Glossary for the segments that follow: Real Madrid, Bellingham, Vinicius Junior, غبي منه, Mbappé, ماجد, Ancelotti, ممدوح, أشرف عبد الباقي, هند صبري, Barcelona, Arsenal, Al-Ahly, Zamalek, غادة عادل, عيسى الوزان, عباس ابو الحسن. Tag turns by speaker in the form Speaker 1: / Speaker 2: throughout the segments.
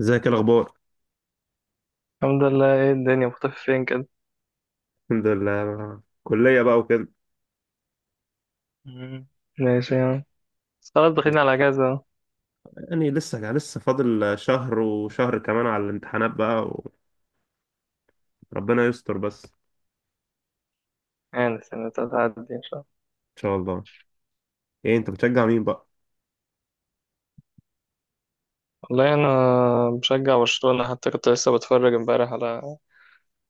Speaker 1: ازيك؟ إيه الاخبار؟
Speaker 2: الحمد لله. ايه الدنيا مختفي فين كده؟
Speaker 1: الحمد لله، كلية بقى وكده.
Speaker 2: مم. ماشي يعني. بس خلاص داخلين على اجازة أهو.
Speaker 1: يعني لسه فاضل شهر وشهر كمان على الامتحانات بقى. وربنا يستر، بس ان
Speaker 2: يعني السنة تعدي ان شاء الله.
Speaker 1: شاء الله. ايه، انت بتشجع مين بقى؟
Speaker 2: والله انا بشجع برشلونة، حتى كنت لسه بتفرج امبارح على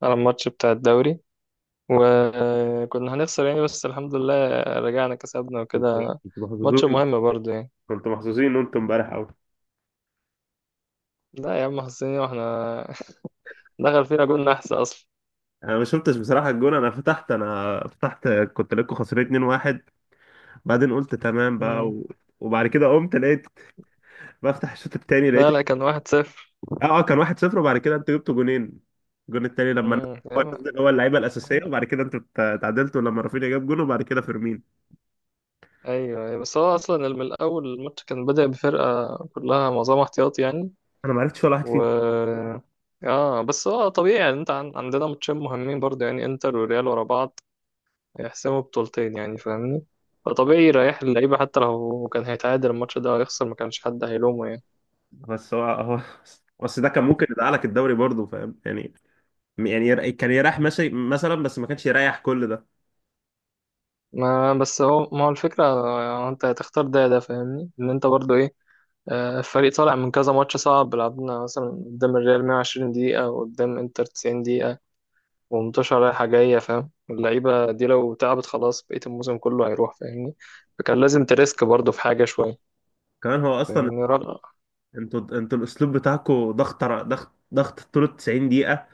Speaker 2: الماتش بتاع الدوري. وكنا هنخسر يعني، بس الحمد لله رجعنا كسبنا
Speaker 1: كنت
Speaker 2: وكده.
Speaker 1: كنت
Speaker 2: ماتش
Speaker 1: محظوظين.
Speaker 2: مهم برضه يعني.
Speaker 1: كنت محظوظين وانتم امبارح قوي.
Speaker 2: لا يا عم حسيني، واحنا دخل فينا جول نحس اصلا.
Speaker 1: انا ما شفتش بصراحة الجون، انا فتحت كنت لكم خسرانين 2-1. بعدين قلت تمام بقى
Speaker 2: مم.
Speaker 1: وبعد كده قمت لقيت. بفتح الشوط التاني لقيت.
Speaker 2: لا لا كان واحد صفر.
Speaker 1: اه اه، كان 1-0، وبعد كده انتوا جبتوا جونين. الجون التاني
Speaker 2: مم.
Speaker 1: هو
Speaker 2: يا
Speaker 1: نزل، هو اللعيبه
Speaker 2: عم،
Speaker 1: الاساسيه. وبعد كده انتوا اتعادلتوا لما رافينيا جاب جون، وبعد كده فيرمين.
Speaker 2: ايوه أيوة. بس هو اصلا من الاول الماتش كان بدأ بفرقه كلها معظمها احتياطي يعني.
Speaker 1: انا ما عرفتش ولا واحد
Speaker 2: و
Speaker 1: فيهم.
Speaker 2: اه، بس هو طبيعي يعني. انت عندنا ماتشين مهمين برضه يعني، انتر وريال ورا بعض، هيحسموا بطولتين يعني، فاهمني؟ فطبيعي يريح اللعيبه، حتى لو كان هيتعادل الماتش ده هيخسر ما كانش حد هيلومه يعني.
Speaker 1: بس هو بس ده كان ممكن يدعى لك الدوري برضه، فاهم يعني. يعني كان يريح
Speaker 2: مم.
Speaker 1: ماشي مثلا، بس ما كانش يريح كل ده.
Speaker 2: ما بس هو ما هو الفكرة، آه، انت هتختار ده ده، فاهمني ان انت برضو ايه. آه، الفريق طالع من كذا ماتش صعب. لعبنا مثلا قدام الريال 120 دقيقة، وقدام انتر 90 ومنتشرة رايحة جاية، فاهم؟ اللعيبة دي لو تعبت خلاص بقية الموسم كله هيروح، فاهمني؟ فكان لازم تريسك برضه في حاجة شوية.
Speaker 1: كمان هو اصلا،
Speaker 2: فاهمني؟ رغم.
Speaker 1: انتوا الاسلوب بتاعكم ضغط ضغط طول 90 دقيقه.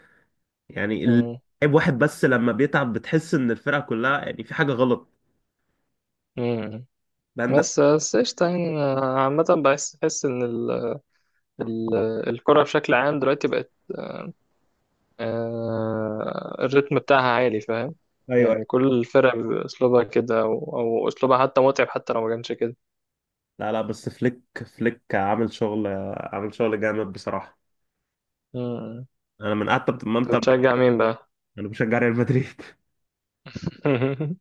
Speaker 1: يعني
Speaker 2: مم.
Speaker 1: اللعيب واحد، بس لما بيتعب بتحس ان الفرقه كلها يعني في حاجه غلط.
Speaker 2: مم.
Speaker 1: ده عندك.
Speaker 2: بس بس قشطة يعني. أنا عامة بحس إن ال... الكرة بشكل عام دلوقتي بقت، الريتم بتاعها عالي، فاهم؟
Speaker 1: ايوه.
Speaker 2: يعني كل الفرق بأسلوبها كده، أو أسلوبها حتى متعب، حتى لو ما كانش كده.
Speaker 1: لا لا، بس فليك فليك عامل شغل، عامل شغل جامد بصراحة.
Speaker 2: مم.
Speaker 1: انا من قعدت ما انت.
Speaker 2: أنت بتشجع مين بقى؟
Speaker 1: انا بشجع ريال مدريد.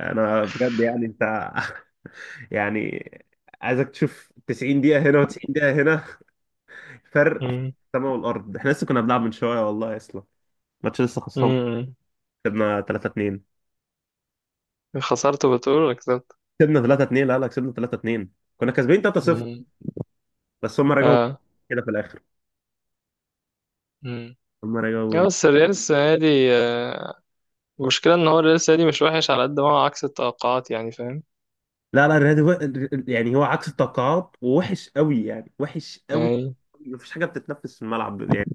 Speaker 1: انا بجد يعني انت. يعني عايزك تشوف 90 دقيقة هنا و90 دقيقة هنا. فرق في
Speaker 2: مم.
Speaker 1: السماء والارض. احنا لسه كنا بنلعب من شوية والله اصلا. الماتش لسه خلصان.
Speaker 2: مم.
Speaker 1: كسبنا 3-2.
Speaker 2: خسرت بتقول ولا كسبت؟
Speaker 1: كسبنا 3-2، لا لا، كسبنا 3-2. كنا كاسبين 3-0، بس هم رجعوا
Speaker 2: اه.
Speaker 1: كده في الاخر.
Speaker 2: امم.
Speaker 1: هم
Speaker 2: اه
Speaker 1: رجعوني.
Speaker 2: بس الريال السنة دي، آه، المشكلة ان هو الريال السنة دي مش وحش على قد ما هو عكس التوقعات، يعني فاهم؟
Speaker 1: لا لا، الريال يعني هو عكس التوقعات ووحش قوي، يعني وحش قوي.
Speaker 2: يعني.
Speaker 1: مفيش حاجه بتتنفس في الملعب يعني.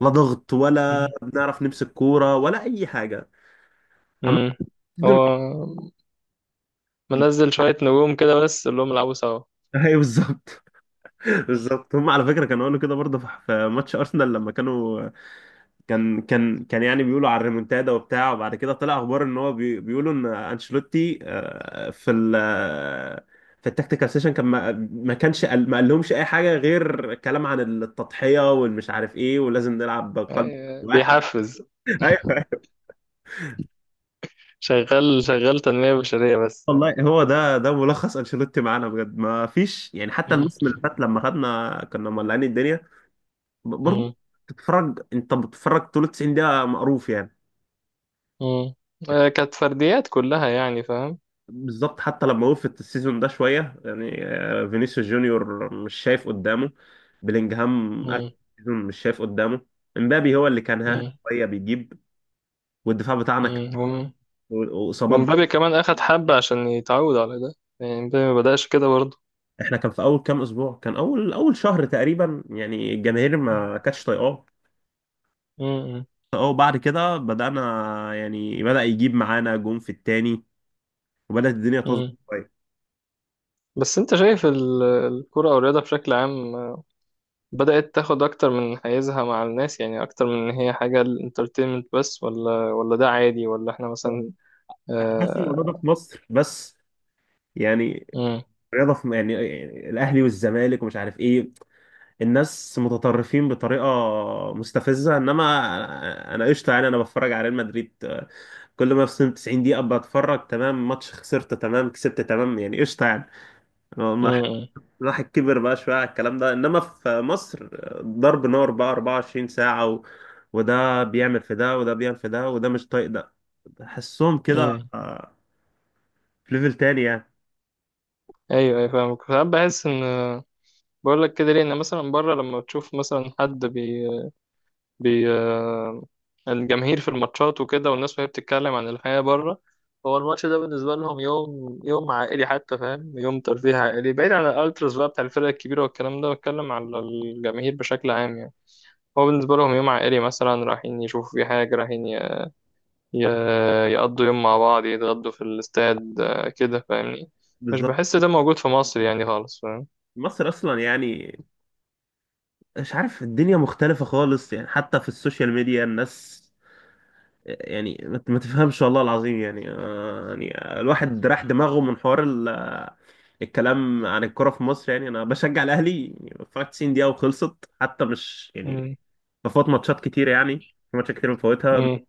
Speaker 1: لا ضغط، ولا
Speaker 2: مم.
Speaker 1: بنعرف نمسك كوره، ولا اي حاجه. عم.
Speaker 2: مم. هو منزل شوية نجوم كده بس اللي هم يلعبوا سوا.
Speaker 1: ايوه بالظبط.
Speaker 2: مم.
Speaker 1: بالظبط، هم على فكره كانوا قالوا كده برضه في ماتش ارسنال لما كانوا. كان يعني بيقولوا على الريمونتادا وبتاع. وبعد كده طلع اخبار ان هو بيقولوا ان انشيلوتي آه، في ال آه، في التكتيكال سيشن. كان ما كانش ما قالهمش اي حاجه غير كلام عن التضحيه والمش عارف ايه، ولازم نلعب قلب
Speaker 2: آه،
Speaker 1: واحد.
Speaker 2: بيحفز.
Speaker 1: ايوه
Speaker 2: شغال شغال تنمية بشرية بس.
Speaker 1: والله، هو ده ملخص انشيلوتي معانا بجد، ما فيش يعني. حتى
Speaker 2: مم.
Speaker 1: الموسم اللي فات لما خدنا كنا مولعين الدنيا برضه.
Speaker 2: مم.
Speaker 1: انت بتتفرج طول 90 دقيقة مقروف يعني.
Speaker 2: مم. آه، كانت فرديات كلها يعني فاهم.
Speaker 1: بالظبط، حتى لما وقفت السيزون ده شوية يعني، فينيسيوس جونيور مش شايف قدامه. بلينجهام اخر
Speaker 2: مم.
Speaker 1: سيزون مش شايف قدامه. امبابي هو اللي كان ها
Speaker 2: مم.
Speaker 1: شوية بيجيب. والدفاع بتاعنا
Speaker 2: مم.
Speaker 1: واصابات.
Speaker 2: ومبابي كمان أخد حبة عشان يتعود على ده. يعني مبابي ما بدأش كده برضه.
Speaker 1: احنا كان في اول كام اسبوع، كان اول اول شهر تقريبا يعني الجماهير ما كانتش طايقاه.
Speaker 2: مم.
Speaker 1: اه. وبعد كده بدأنا، يعني بدأ يجيب معانا جون في التاني، وبدأت الدنيا تظبط
Speaker 2: مم.
Speaker 1: شوية.
Speaker 2: بس انت شايف الكرة او الرياضة بشكل عام بدأت تاخد اكتر من حيزها مع الناس، يعني اكتر من ان هي حاجة الانترتينمنت بس، ولا ده عادي، ولا احنا مثلا،
Speaker 1: أنا حاسس إن الموضوع ده
Speaker 2: آه.
Speaker 1: في مصر بس. يعني
Speaker 2: مم.
Speaker 1: رياضة في، يعني الأهلي والزمالك ومش عارف إيه. الناس متطرفين بطريقة مستفزة. إنما أنا قشطة يعني. أنا بتفرج على ريال مدريد، كل ما في 90 دقيقة بتفرج تمام، ماتش خسرت تمام، كسبت تمام، يعني قشطة يعني ما.
Speaker 2: مم.
Speaker 1: الواحد كبر بقى شوية على الكلام ده، إنما في مصر ضرب نار بقى 24 ساعة وده بيعمل في ده، وده بيعمل في ده، وده مش طايق ده. تحسهم كده،
Speaker 2: مم.
Speaker 1: في ليفل تاني يعني.
Speaker 2: ايوه ايوه، فاهمك. ساعات بحس ان، بقول لك كده ليه، ان مثلا بره لما تشوف مثلا حد بي، آه، الجماهير في الماتشات وكده، والناس وهي بتتكلم عن الحياة بره، هو الماتش ده بالنسبة لهم يوم، يوم عائلي حتى، فاهم؟ يوم ترفيه عائلي، بعيد عن الالتراس بقى بتاع الفرق الكبيرة والكلام ده. بتكلم على الجماهير بشكل عام يعني. هو بالنسبة لهم يوم عائلي، مثلا رايحين يشوفوا في حاجة، رايحين يقضوا يوم مع بعض، يتغدوا في الاستاد آه، كده، فاهمني؟ مش
Speaker 1: بالظبط.
Speaker 2: بحس ده موجود في مصر يعني خالص، فاهم؟
Speaker 1: مصر أصلا يعني مش عارف، الدنيا مختلفة خالص يعني. حتى في السوشيال ميديا الناس يعني ما تفهمش والله العظيم يعني. يعني الواحد راح دماغه من حوار الكلام عن الكرة في مصر. يعني أنا بشجع الأهلي يعني. 90 دقيقة وخلصت، حتى مش يعني
Speaker 2: مم.
Speaker 1: بفوت ماتشات كتير يعني. في ماتشات كتير بفوتها
Speaker 2: مم.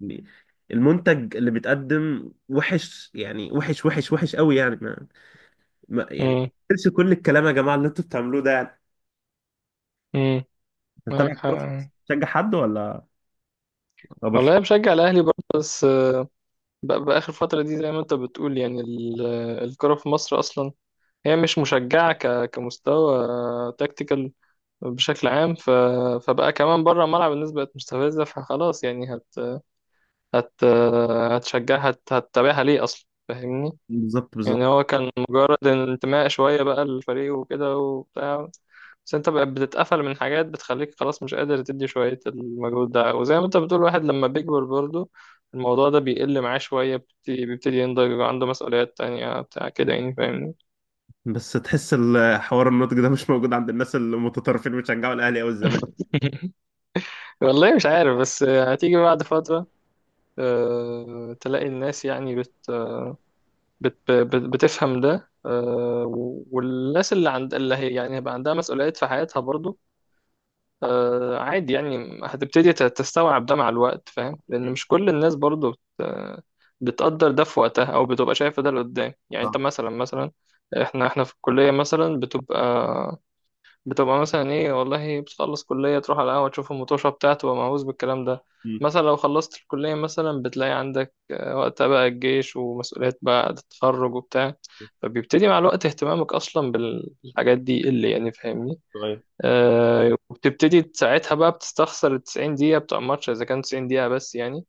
Speaker 1: يعني. المنتج اللي بيتقدم وحش يعني، وحش وحش وحش قوي يعني
Speaker 2: مم.
Speaker 1: تنسوا كل الكلام يا جماعة اللي انتوا بتعملوه ده يعني.
Speaker 2: مم.
Speaker 1: انت طبعا
Speaker 2: معاك حق.
Speaker 1: بتروح تشجع حد، ولا
Speaker 2: والله أنا
Speaker 1: برشلونة؟
Speaker 2: بشجع الأهلي برضه، بس بقى آخر فترة دي زي ما أنت بتقول يعني، الكرة في مصر أصلا هي مش مشجعة كمستوى تكتيكال بشكل عام. فبقى كمان بره الملعب الناس بقت مستفزة، فخلاص يعني هت... هتشجعها، هتتابعها ليه أصلا، فاهمني؟
Speaker 1: بالظبط بالظبط.
Speaker 2: يعني هو كان مجرد انتماء شوية بقى للفريق وكده وبتاع. بس انت بقى بتتقفل من حاجات بتخليك خلاص مش قادر تدي شوية المجهود ده. وزي ما انت بتقول، الواحد لما بيكبر برضه الموضوع ده بيقل معاه شوية، بيبتدي ينضج، يبقى عنده مسؤوليات تانية بتاع كده يعني، فاهمني؟
Speaker 1: بس تحس حوار النضج ده مش موجود عند الناس المتطرفين اللي بيشجعوا الاهلي او الزمالك.
Speaker 2: والله مش عارف، بس هتيجي بعد فترة آه، تلاقي الناس يعني بت بتفهم ده آه، والناس اللي عند اللي هي يعني، هيبقى عندها مسؤوليات في حياتها برضو. آه، عادي يعني، هتبتدي تستوعب ده مع الوقت، فاهم؟ لأن
Speaker 1: مم.
Speaker 2: مش كل الناس برضو بتقدر ده في وقتها، أو بتبقى شايفة ده لقدام يعني. أنت
Speaker 1: صح.
Speaker 2: مثلا، مثلا إحنا، إحنا في الكلية مثلا بتبقى، بتبقى مثلا إيه، والله بتخلص كلية تروح على القهوة تشوف المطوشة بتاعته، تبقى مهووس بالكلام ده.
Speaker 1: مم.
Speaker 2: مثلا لو خلصت الكلية مثلا بتلاقي عندك آه، وقتها بقى الجيش ومسؤوليات بعد التخرج وبتاع. فبيبتدي مع الوقت اهتمامك أصلا بالحاجات دي اللي، يعني فاهمني؟
Speaker 1: صغير.
Speaker 2: آه، وبتبتدي ساعتها بقى بتستخسر ال 90 دقيقة بتوع الماتش، إذا كان 90 دقيقة بس يعني.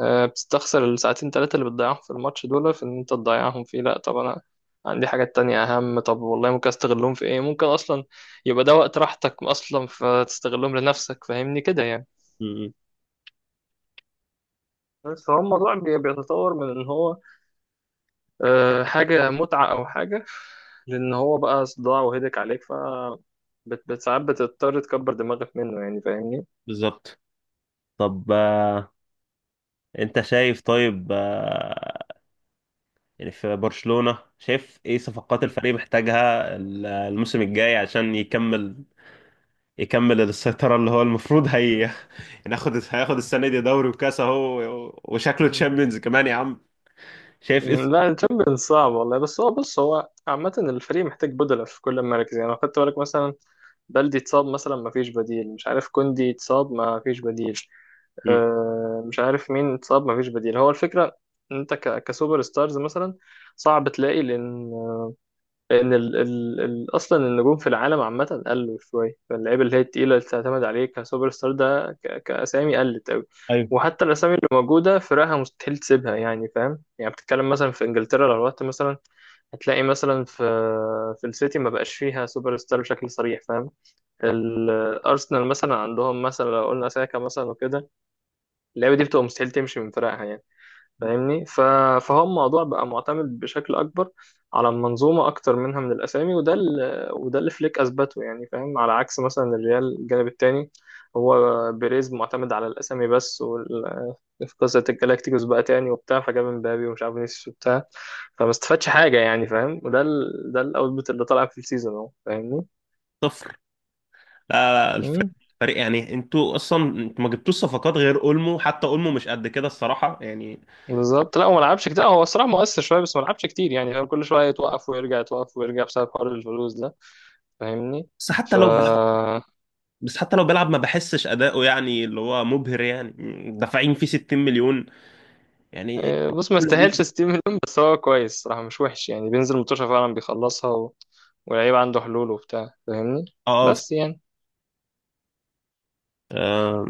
Speaker 2: آه، بتستخسر الساعتين تلاتة اللي بتضيعهم في الماتش دول، في إن أنت تضيعهم فيه. لأ، طب أنا عندي حاجات تانية أهم. طب والله ممكن أستغلهم في إيه؟ ممكن أصلا يبقى ده وقت راحتك أصلا فتستغلهم لنفسك، فاهمني كده يعني.
Speaker 1: مم.
Speaker 2: بس هو الموضوع بيتطور من إن هو آه، حاجة متعة أو حاجة، لأن هو بقى صداع وهدك عليك، ف ساعات بتضطر تكبر دماغك منه يعني، فاهمني؟
Speaker 1: بالظبط. طب، انت شايف. طيب، يعني في برشلونة شايف ايه صفقات الفريق محتاجها الموسم الجاي عشان يكمل السيطرة اللي هو المفروض هي. هياخد السنة دي دوري وكاس اهو، وشكله
Speaker 2: مم.
Speaker 1: تشامبيونز كمان يا عم. شايف ايه
Speaker 2: مم، لا الشامبيونز صعب والله. بس هو بص، هو عامة الفريق محتاج بدلة في كل المراكز يعني. لو خدت بالك مثلا، بلدي اتصاب مثلا ما فيش بديل، مش عارف كوندي اتصاب ما فيش بديل،
Speaker 1: مم.
Speaker 2: آه، مش عارف مين اتصاب ما فيش بديل. هو الفكرة إن انت كسوبر ستارز مثلا صعب تلاقي، لان، لأن ال أصلا النجوم في العالم عامة قلوا شوية. فاللعيبة اللي هي التقيلة اللي تعتمد عليه كسوبر ستار ده كأسامي قلت أوي.
Speaker 1: ايوه
Speaker 2: وحتى الأسامي اللي موجودة فرقها مستحيل تسيبها يعني، فاهم يعني؟ بتتكلم مثلا في إنجلترا، لو رحت مثلا هتلاقي مثلا في، في السيتي ما بقاش فيها سوبر ستار بشكل صريح، فاهم؟ الأرسنال مثلا عندهم مثلا لو قلنا ساكا مثلا وكده، اللعيبة دي بتبقى مستحيل تمشي من فرقها يعني، فاهمني؟ فهو الموضوع بقى معتمد بشكل اكبر على المنظومه اكتر منها من الاسامي. وده وده اللي فليك اثبته يعني، فاهم؟ على عكس مثلا الريال الجانب التاني، هو بيريز معتمد على الاسامي بس، في قصه الجالاكتيكوس بقى تاني وبتاع، فجاب مبابي ومش عارف فينيسيوس وبتاع، فما استفادش حاجه يعني، فاهم؟ وده ده الاوتبوت اللي طلع في السيزون اهو، فاهمني؟
Speaker 1: صفر. لا لا، الفريق
Speaker 2: امم.
Speaker 1: الفريق يعني انتوا اصلا انتوا ما جبتوش صفقات غير اولمو، حتى اولمو مش قد كده الصراحة يعني.
Speaker 2: بالظبط، لا هو ما لعبش كتير. هو الصراحه مؤثر شويه بس ما لعبش كتير يعني، فاهم؟ كل شويه يتوقف ويرجع، يتوقف ويرجع بسبب حوار الفلوس ده، فاهمني؟
Speaker 1: بس حتى
Speaker 2: ف
Speaker 1: لو بيلعب بس حتى لو بيلعب ما بحسش اداؤه، يعني اللي هو مبهر يعني. دافعين فيه 60 مليون يعني.
Speaker 2: آه، بص ما استاهلش ستيف منهم، بس هو كويس صراحة، مش وحش يعني، بينزل متوشة فعلا بيخلصها، واللعيب عنده حلول وبتاع، فاهمني؟
Speaker 1: اه،
Speaker 2: بس يعني.
Speaker 1: آه،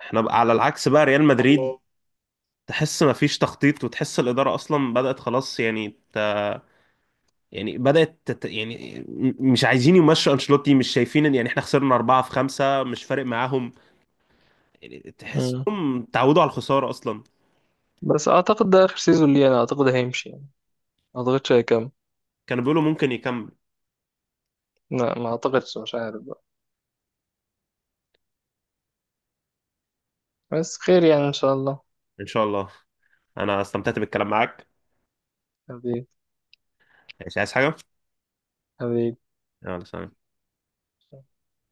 Speaker 1: احنا بقى على العكس، بقى ريال مدريد الله. تحس ما فيش تخطيط، وتحس الإدارة أصلا بدأت خلاص يعني يعني بدأت يعني مش عايزين يمشوا أنشيلوتي، مش شايفين إن يعني احنا خسرنا أربعة في خمسة مش فارق معاهم. يعني
Speaker 2: مم.
Speaker 1: تحسهم تعودوا على الخسارة أصلا.
Speaker 2: بس اعتقد ده اخر سيزون ليه، انا اعتقد هيمشي يعني، ما اعتقدش هيكمل.
Speaker 1: كانوا بيقولوا ممكن يكمل.
Speaker 2: لا، ما اعتقدش، مش عارف بقى، بس خير يعني ان شاء الله.
Speaker 1: إن شاء الله. أنا استمتعت بالكلام معاك.
Speaker 2: حبيبي.
Speaker 1: مش عايز حاجة؟
Speaker 2: حبيبي.
Speaker 1: يلا سلام.